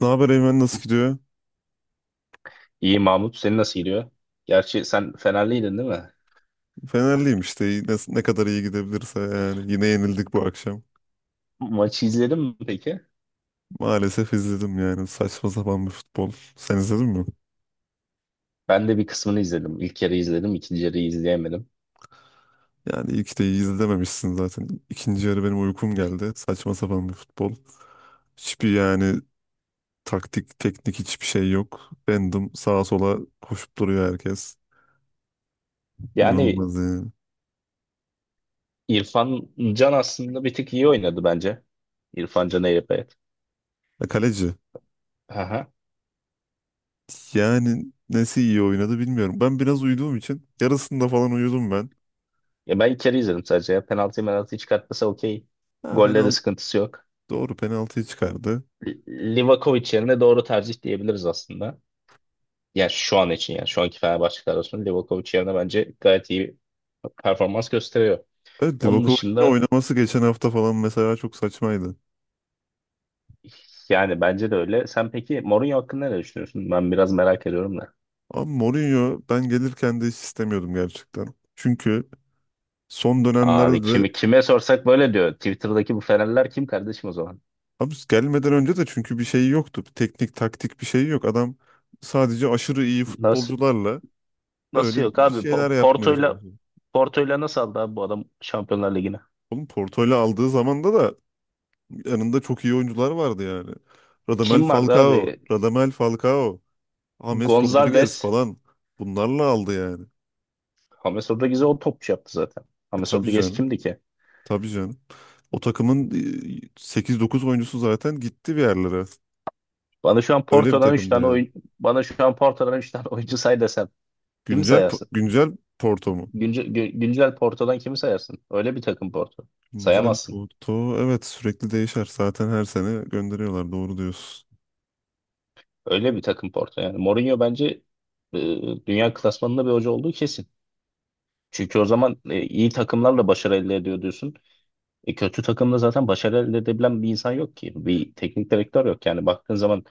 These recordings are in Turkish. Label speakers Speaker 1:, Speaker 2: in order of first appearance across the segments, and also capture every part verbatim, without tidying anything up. Speaker 1: Ne haber Eymen, nasıl gidiyor?
Speaker 2: İyi Mahmut, seni nasıl gidiyor? Gerçi sen Fenerliydin değil mi?
Speaker 1: Fenerliyim işte. İyi- ne, ne kadar iyi gidebilirse yani. Yine yenildik bu akşam.
Speaker 2: Maçı izledin mi peki?
Speaker 1: Maalesef izledim, yani saçma sapan bir futbol. Sen izledin mi?
Speaker 2: Ben de bir kısmını izledim. İlk yarı izledim, ikinci yarıyı izleyemedim.
Speaker 1: Yani ilk de iyi izlememişsin zaten. İkinci yarı benim uykum geldi. Saçma sapan bir futbol. Hiçbir, yani taktik, teknik hiçbir şey yok. Random sağa sola koşup duruyor herkes.
Speaker 2: Yani
Speaker 1: İnanılmaz yani.
Speaker 2: İrfan Can aslında bir tık iyi oynadı bence. İrfan Can Eyrepeyat.
Speaker 1: Ya kaleci.
Speaker 2: Aha.
Speaker 1: Yani nesi iyi oynadı bilmiyorum. Ben biraz uyuduğum için yarısında falan uyudum ben.
Speaker 2: Ya ben ilk yarı izledim sadece. Ya penaltı penaltıyı çıkartmasa okey.
Speaker 1: Ha,
Speaker 2: Golle de
Speaker 1: fena.
Speaker 2: sıkıntısı yok.
Speaker 1: Doğru penaltıyı çıkardı.
Speaker 2: Li- Livakovic yerine doğru tercih diyebiliriz aslında. Yani şu an için yani şu anki Fenerbahçe kadrosunda Livakovic yerine bence gayet iyi performans gösteriyor.
Speaker 1: Evet,
Speaker 2: Onun
Speaker 1: Livakovic'in
Speaker 2: dışında.
Speaker 1: oynaması geçen hafta falan mesela çok saçmaydı.
Speaker 2: Yani bence de öyle. Sen peki Mourinho hakkında ne düşünüyorsun? Ben biraz merak ediyorum da.
Speaker 1: Ama Mourinho ben gelirken de hiç istemiyordum gerçekten. Çünkü son
Speaker 2: Abi
Speaker 1: dönemlerde
Speaker 2: kimi
Speaker 1: de
Speaker 2: kime sorsak böyle diyor. Twitter'daki bu Fenerler kim kardeşim o zaman?
Speaker 1: abi gelmeden önce de çünkü bir şey yoktu. Bir teknik taktik bir şey yok. Adam sadece aşırı iyi
Speaker 2: Nasıl
Speaker 1: futbolcularla öyle
Speaker 2: nasıl yok
Speaker 1: bir
Speaker 2: abi? Po-
Speaker 1: şeyler yapmaya
Speaker 2: Porto'yla
Speaker 1: çalışıyor.
Speaker 2: Porto'yla nasıl aldı abi bu adam Şampiyonlar Ligi'ne?
Speaker 1: Oğlum Porto'yla aldığı zamanda da yanında çok iyi oyuncular vardı yani. Radamel
Speaker 2: Kim vardı
Speaker 1: Falcao,
Speaker 2: abi?
Speaker 1: Radamel Falcao, James Rodriguez
Speaker 2: Gonzalez.
Speaker 1: falan, bunlarla aldı yani.
Speaker 2: James Rodriguez'e o topçu yaptı zaten.
Speaker 1: E
Speaker 2: James
Speaker 1: tabii
Speaker 2: Rodriguez
Speaker 1: canım.
Speaker 2: kimdi ki?
Speaker 1: Tabii canım. O takımın e, sekiz dokuz oyuncusu zaten gitti bir yerlere.
Speaker 2: Bana şu an
Speaker 1: Öyle bir
Speaker 2: Porto'dan 3
Speaker 1: takımdı
Speaker 2: tane
Speaker 1: yani.
Speaker 2: oyun Bana şu an Porto'dan üç tane oyuncu say desem kimi
Speaker 1: Güncel po-
Speaker 2: sayarsın?
Speaker 1: güncel Porto mu?
Speaker 2: Güncel, gü- güncel Porto'dan kimi sayarsın? Öyle bir takım Porto.
Speaker 1: Güncel
Speaker 2: Sayamazsın.
Speaker 1: Porto, evet, sürekli değişer. Zaten her sene gönderiyorlar. Doğru diyorsun.
Speaker 2: Öyle bir takım Porto yani. Mourinho bence e, dünya klasmanında bir hoca olduğu kesin. Çünkü o zaman e, iyi takımlarla başarı elde ediyor diyorsun. E, kötü takımda zaten başarı elde edebilen bir insan yok ki. Bir teknik direktör yok. Yani baktığın zaman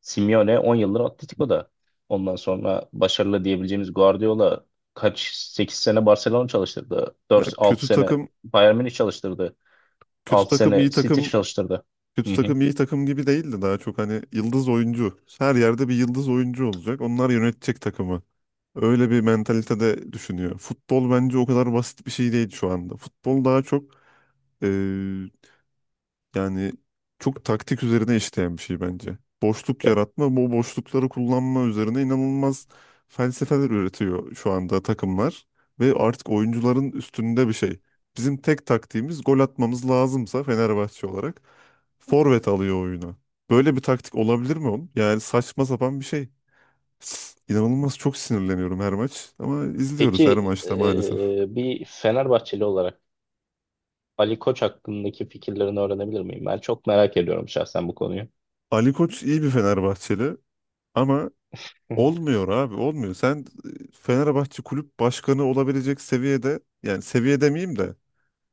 Speaker 2: Simeone on yıldır Atletico'da. Ondan sonra başarılı diyebileceğimiz Guardiola kaç sekiz sene Barcelona çalıştırdı.
Speaker 1: Ya
Speaker 2: Dört altı
Speaker 1: kötü
Speaker 2: sene
Speaker 1: takım,
Speaker 2: Bayern Münih çalıştırdı.
Speaker 1: kötü
Speaker 2: altı
Speaker 1: takım iyi
Speaker 2: sene City
Speaker 1: takım,
Speaker 2: çalıştırdı. Hı
Speaker 1: kötü
Speaker 2: hı.
Speaker 1: takım iyi takım gibi değildi, daha çok hani yıldız oyuncu. Her yerde bir yıldız oyuncu olacak. Onlar yönetecek takımı. Öyle bir mentalitede düşünüyor. Futbol bence o kadar basit bir şey değil şu anda. Futbol daha çok, yani, çok taktik üzerine işleyen bir şey bence. Boşluk
Speaker 2: Ya,
Speaker 1: yaratma, bu boşlukları kullanma üzerine inanılmaz felsefeler üretiyor şu anda takımlar. Ve artık oyuncuların üstünde bir şey. Bizim tek taktiğimiz gol atmamız lazımsa Fenerbahçe olarak forvet alıyor oyuna. Böyle bir taktik olabilir mi oğlum? Yani saçma sapan bir şey. İnanılmaz çok sinirleniyorum her maç ama izliyoruz her
Speaker 2: peki
Speaker 1: maçta maalesef.
Speaker 2: e, bir Fenerbahçeli olarak Ali Koç hakkındaki fikirlerini öğrenebilir miyim? Ben çok merak ediyorum şahsen bu konuyu.
Speaker 1: Ali Koç iyi bir Fenerbahçeli ama olmuyor abi, olmuyor. Sen e, Fenerbahçe kulüp başkanı olabilecek seviyede, yani seviye demeyeyim de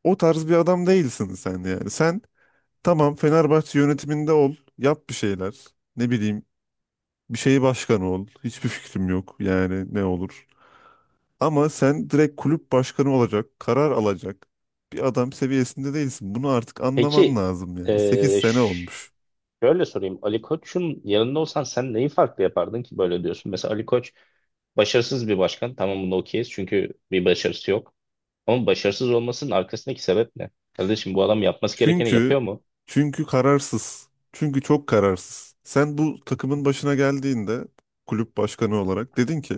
Speaker 1: o tarz bir adam değilsin sen yani. Sen tamam Fenerbahçe yönetiminde ol, yap bir şeyler, ne bileyim, bir şeyi başkanı ol, hiçbir fikrim yok yani ne olur. Ama sen direkt kulüp başkanı olacak, karar alacak bir adam seviyesinde değilsin. Bunu artık anlaman
Speaker 2: Peki
Speaker 1: lazım yani. Sekiz
Speaker 2: eee,
Speaker 1: sene
Speaker 2: ş-
Speaker 1: olmuş.
Speaker 2: şöyle sorayım. Ali Koç'un yanında olsan sen neyi farklı yapardın ki böyle diyorsun? Mesela Ali Koç başarısız bir başkan. Tamam bunu okeyiz çünkü bir başarısı yok. Ama başarısız olmasının arkasındaki sebep ne? Kardeşim bu adam yapması gerekeni
Speaker 1: Çünkü
Speaker 2: yapıyor mu?
Speaker 1: çünkü kararsız. Çünkü çok kararsız. Sen bu takımın başına geldiğinde kulüp başkanı olarak dedin ki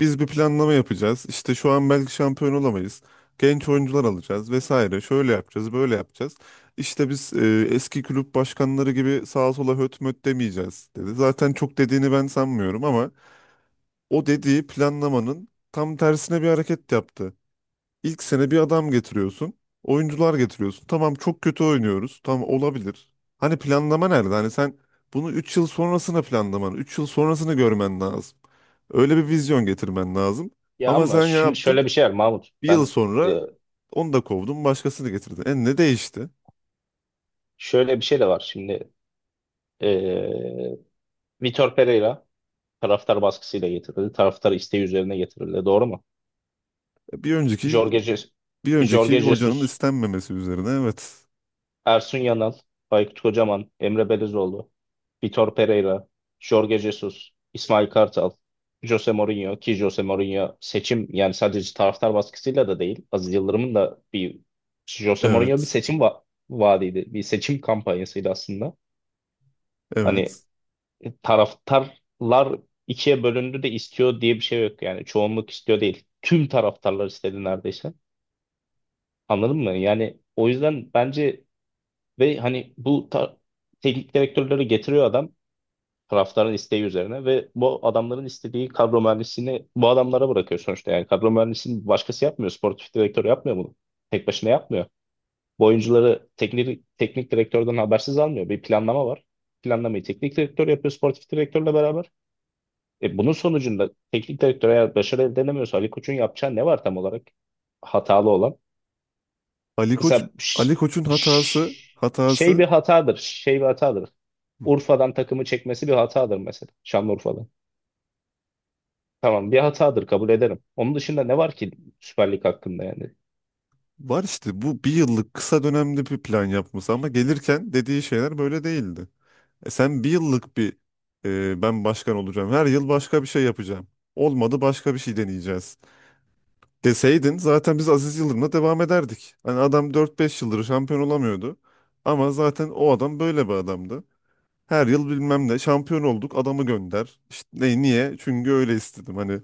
Speaker 1: biz bir planlama yapacağız. İşte şu an belki şampiyon olamayız. Genç oyuncular alacağız vesaire. Şöyle yapacağız, böyle yapacağız. İşte biz e, eski kulüp başkanları gibi sağa sola höt möt demeyeceğiz dedi. Zaten çok dediğini ben sanmıyorum ama o dediği planlamanın tam tersine bir hareket yaptı. İlk sene bir adam getiriyorsun. Oyuncular getiriyorsun. Tamam çok kötü oynuyoruz. Tamam olabilir. Hani planlama nerede? Hani sen bunu üç yıl sonrasına planlaman, üç yıl sonrasını görmen lazım. Öyle bir vizyon getirmen lazım.
Speaker 2: Ya
Speaker 1: Ama
Speaker 2: ama
Speaker 1: sen ya
Speaker 2: şimdi
Speaker 1: yaptın?
Speaker 2: şöyle bir şey var Mahmut.
Speaker 1: Bir yıl
Speaker 2: Ben
Speaker 1: sonra
Speaker 2: eee,
Speaker 1: onu da kovdun, başkasını getirdin. E ne değişti?
Speaker 2: Şöyle bir şey de var. Şimdi eee Vitor Pereira taraftar baskısıyla getirildi. Taraftar isteği üzerine getirildi. Doğru mu?
Speaker 1: E, Bir önceki
Speaker 2: Jorge, Je-
Speaker 1: bir önceki
Speaker 2: Jorge
Speaker 1: hocanın
Speaker 2: Jesus,
Speaker 1: istenmemesi üzerine. Evet.
Speaker 2: Ersun Yanal, Aykut Kocaman, Emre Belezoğlu, Vitor Pereira, Jorge Jesus, İsmail Kartal, Jose Mourinho ki Jose Mourinho seçim yani sadece taraftar baskısıyla da değil. Aziz Yıldırım'ın da bir Jose Mourinho bir
Speaker 1: Evet.
Speaker 2: seçim va vaadiydi. Bir seçim kampanyasıydı aslında. Hani
Speaker 1: Evet.
Speaker 2: taraftarlar ikiye bölündü de istiyor diye bir şey yok yani çoğunluk istiyor değil. Tüm taraftarlar istedi neredeyse. Anladın mı? Yani o yüzden bence ve hani bu ta- teknik direktörleri getiriyor adam taraftarın isteği üzerine ve bu adamların istediği kadro mühendisliğini bu adamlara bırakıyor sonuçta. Yani kadro mühendisliğini başkası yapmıyor. Sportif direktör yapmıyor bunu. Tek başına yapmıyor. Bu oyuncuları teknik, teknik direktörden habersiz almıyor. Bir planlama var. Planlamayı teknik direktör yapıyor sportif direktörle beraber. E, bunun sonucunda teknik direktör eğer başarı elde edemiyorsa Ali Koç'un yapacağı ne var tam olarak hatalı olan?
Speaker 1: Ali Koç
Speaker 2: Mesela
Speaker 1: Ali
Speaker 2: ş-
Speaker 1: Koç'un hatası
Speaker 2: ş- şey bir
Speaker 1: hatası
Speaker 2: hatadır, şey bir hatadır. Urfa'dan takımı çekmesi bir hatadır mesela. Şanlıurfa'dan. Tamam bir hatadır kabul ederim. Onun dışında ne var ki Süper Lig hakkında yani?
Speaker 1: Var işte, bu bir yıllık kısa dönemli bir plan yapması ama gelirken dediği şeyler böyle değildi. E sen bir yıllık bir, e, ben başkan olacağım her yıl başka bir şey yapacağım. Olmadı başka bir şey deneyeceğiz deseydin zaten biz Aziz Yıldırım'la devam ederdik. Hani adam dört beş yıldır şampiyon olamıyordu ama zaten o adam böyle bir adamdı. Her yıl bilmem ne şampiyon olduk adamı gönder. İşte ne, niye? Çünkü öyle istedim, hani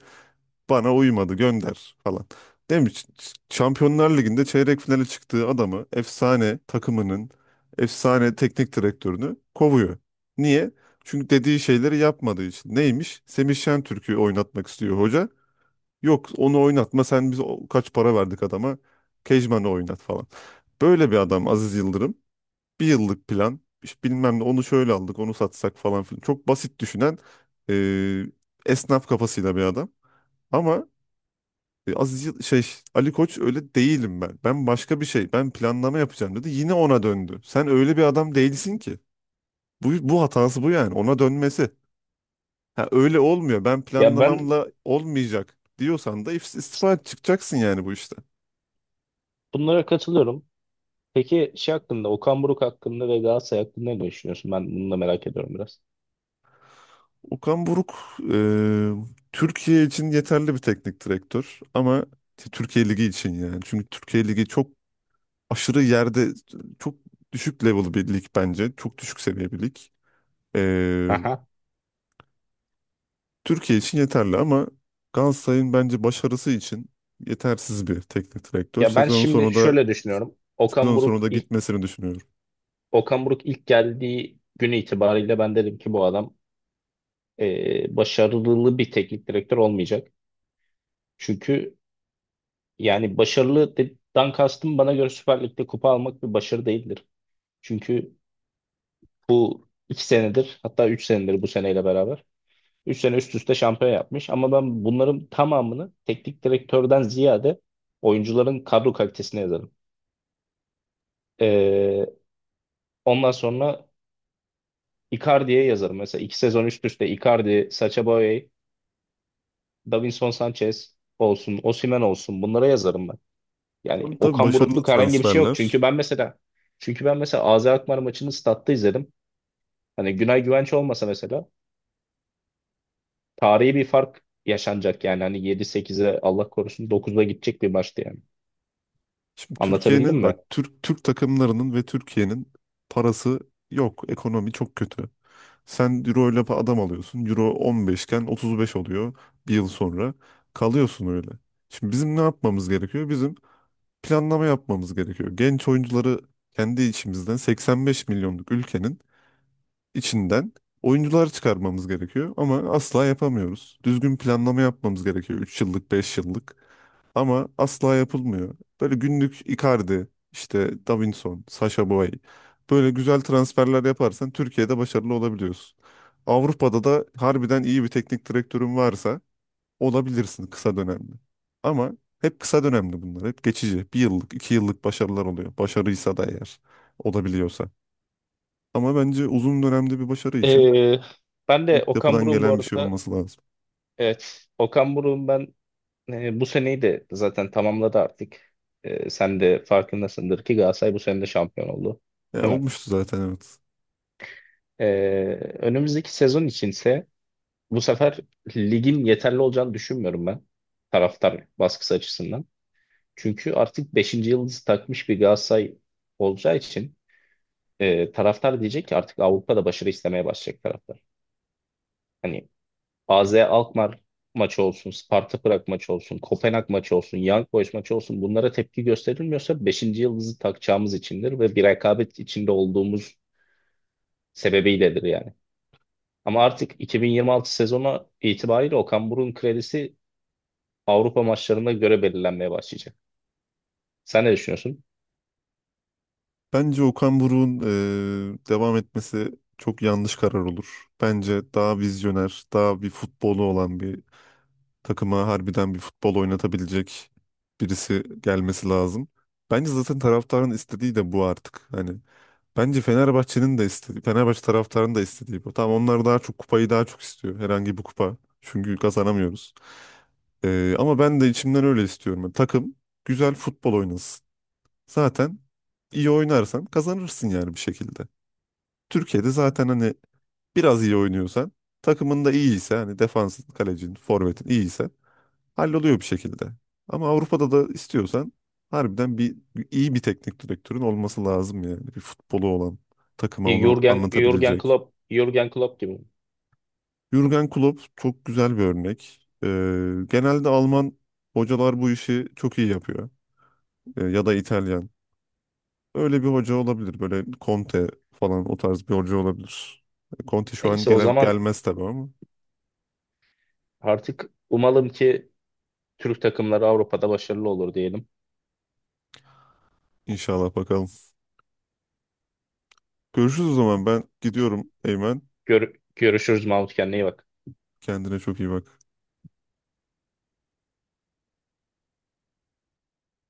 Speaker 1: bana uymadı, gönder falan. Değil mi? Ş- Ş- Şampiyonlar Ligi'nde çeyrek finale çıktığı adamı, efsane takımının efsane teknik direktörünü kovuyor. Niye? Çünkü dediği şeyleri yapmadığı için. Neymiş? Semih Şentürk'ü oynatmak istiyor hoca. Yok onu oynatma sen, biz o- kaç para verdik adama. Kejman'ı oynat falan. Böyle bir adam Aziz Yıldırım. Bir yıllık plan. İşte bilmem ne, onu şöyle aldık, onu satsak falan filan. Çok basit düşünen, e, esnaf kafasıyla bir adam. Ama e, Aziz Yıl- şey Ali Koç öyle değilim ben. Ben başka bir şey. Ben planlama yapacağım dedi. Yine ona döndü. Sen öyle bir adam değilsin ki. Bu bu hatası bu yani. Ona dönmesi. Ha, öyle olmuyor. Ben
Speaker 2: Ya ben
Speaker 1: planlamamla olmayacak diyorsan da if- istifa et, çıkacaksın yani bu işte.
Speaker 2: bunlara katılıyorum. Peki şey hakkında, Okan Buruk hakkında ve Galatasaray hakkında ne düşünüyorsun? Ben bunu da merak ediyorum biraz.
Speaker 1: Okan Buruk e, Türkiye için yeterli bir teknik direktör ama t- Türkiye Ligi için yani. Çünkü Türkiye Ligi çok aşırı yerde çok düşük level bir lig bence. Çok düşük seviye bir lig. E,
Speaker 2: Aha.
Speaker 1: Türkiye için yeterli ama Galatasaray'ın bence başarısı için yetersiz bir teknik direktör.
Speaker 2: Ya ben
Speaker 1: Sezon
Speaker 2: şimdi
Speaker 1: sonu da
Speaker 2: şöyle düşünüyorum. Okan
Speaker 1: sezon sonu
Speaker 2: Buruk
Speaker 1: da
Speaker 2: ilk
Speaker 1: gitmesini düşünüyorum.
Speaker 2: Okan Buruk ilk geldiği günü itibariyle ben dedim ki bu adam e, başarılı bir teknik direktör olmayacak. Çünkü yani başarılı dan kastım bana göre Süper Lig'de kupa almak bir başarı değildir. Çünkü bu iki senedir hatta üç senedir bu seneyle beraber üç sene üst üste şampiyon yapmış. Ama ben bunların tamamını teknik direktörden ziyade oyuncuların kadro kalitesine yazarım. E, Ondan sonra Icardi'ye yazarım. Mesela iki sezon üst üste Icardi, Sacha Boey, Davinson Sanchez olsun, Osimhen olsun bunlara yazarım ben. Yani
Speaker 1: Ama tabii
Speaker 2: Okan
Speaker 1: başarılı
Speaker 2: Burukluk herhangi bir şey yok. Çünkü
Speaker 1: transferler.
Speaker 2: ben mesela çünkü ben mesela A Z Alkmaar maçını statta izledim. Hani Günay Güvenç olmasa mesela tarihi bir fark yaşanacak yani. Hani yedi sekize Allah korusun dokuza gidecek bir maçtı yani.
Speaker 1: Şimdi
Speaker 2: Anlatabildim
Speaker 1: Türkiye'nin bak,
Speaker 2: mi?
Speaker 1: Türk Türk takımlarının ve Türkiye'nin parası yok. Ekonomi çok kötü. Sen Euro ile adam alıyorsun. Euro on beş iken otuz beş oluyor bir yıl sonra. Kalıyorsun öyle. Şimdi bizim ne yapmamız gerekiyor? Bizim planlama yapmamız gerekiyor. Genç oyuncuları kendi içimizden, 85 milyonluk ülkenin içinden oyuncular çıkarmamız gerekiyor ama asla yapamıyoruz. Düzgün planlama yapmamız gerekiyor, üç yıllık, beş yıllık, ama asla yapılmıyor. Böyle günlük Icardi, işte Davinson, Sasha Boy, böyle güzel transferler yaparsan Türkiye'de başarılı olabiliyorsun. Avrupa'da da harbiden iyi bir teknik direktörün varsa olabilirsin kısa dönemde. Ama hep kısa dönemli bunlar. Hep geçici. Bir yıllık, iki yıllık başarılar oluyor. Başarıysa da eğer olabiliyorsa. Ama bence uzun dönemde bir başarı için
Speaker 2: Ee, Ben de Okan
Speaker 1: altyapıdan
Speaker 2: Buruk'un bu
Speaker 1: gelen bir şey
Speaker 2: arada,
Speaker 1: olması lazım.
Speaker 2: evet, Okan Buruk'un ben e, bu seneyi de zaten tamamladı artık. E, sen de farkındasındır ki Galatasaray bu sene de şampiyon oldu.
Speaker 1: Ya
Speaker 2: Değil mi?
Speaker 1: olmuştu zaten, evet.
Speaker 2: Ee, Önümüzdeki sezon içinse bu sefer ligin yeterli olacağını düşünmüyorum ben taraftar baskısı açısından. Çünkü artık beşinci yıldızı takmış bir Galatasaray olacağı için e, taraftar diyecek ki artık Avrupa'da başarı istemeye başlayacak taraftar. Hani A Z Alkmaar maçı olsun, Sparta Prag maçı olsun, Kopenhag maçı olsun, Young Boys maçı olsun bunlara tepki gösterilmiyorsa beşinci yıldızı takacağımız içindir ve bir rekabet içinde olduğumuz sebebiyledir yani. Ama artık iki bin yirmi altı sezonu itibariyle Okan Buruk'un kredisi Avrupa maçlarına göre belirlenmeye başlayacak. Sen ne düşünüyorsun?
Speaker 1: Bence Okan Buruk'un e, devam etmesi çok yanlış karar olur. Bence daha vizyoner, daha bir futbolu olan, bir takıma harbiden bir futbol oynatabilecek birisi gelmesi lazım. Bence zaten taraftarın istediği de bu artık. Hani, bence Fenerbahçe'nin de istediği, Fenerbahçe taraftarının da istediği bu. Tamam, onlar daha çok kupayı daha çok istiyor. Herhangi bir kupa. Çünkü kazanamıyoruz. Ee, ama ben de içimden öyle istiyorum. Yani takım güzel futbol oynasın. Zaten iyi oynarsan kazanırsın yani bir şekilde. Türkiye'de zaten hani biraz iyi oynuyorsan, takımın da iyiyse, hani defansın, kalecin, forvetin iyiyse halloluyor bir şekilde. Ama Avrupa'da da istiyorsan harbiden bir bir- iyi bir teknik direktörün olması lazım yani. Bir futbolu olan, takıma onu
Speaker 2: Jürgen, Jürgen
Speaker 1: anlatabilecek.
Speaker 2: Klopp, Jürgen Klopp gibi mi?
Speaker 1: Jürgen Klopp çok güzel bir örnek. Ee, genelde Alman hocalar bu işi çok iyi yapıyor. Ee, ya da İtalyan. Öyle bir hoca olabilir. Böyle Conte falan o tarz bir hoca olabilir. Conte şu an
Speaker 2: Neyse o
Speaker 1: gele-
Speaker 2: zaman
Speaker 1: gelmez tabii ama
Speaker 2: artık umalım ki Türk takımları Avrupa'da başarılı olur diyelim.
Speaker 1: inşallah bakalım. Görüşürüz o zaman, ben gidiyorum Eymen.
Speaker 2: Gör- görüşürüz Mahmut, kendine iyi bak.
Speaker 1: Kendine çok iyi bak.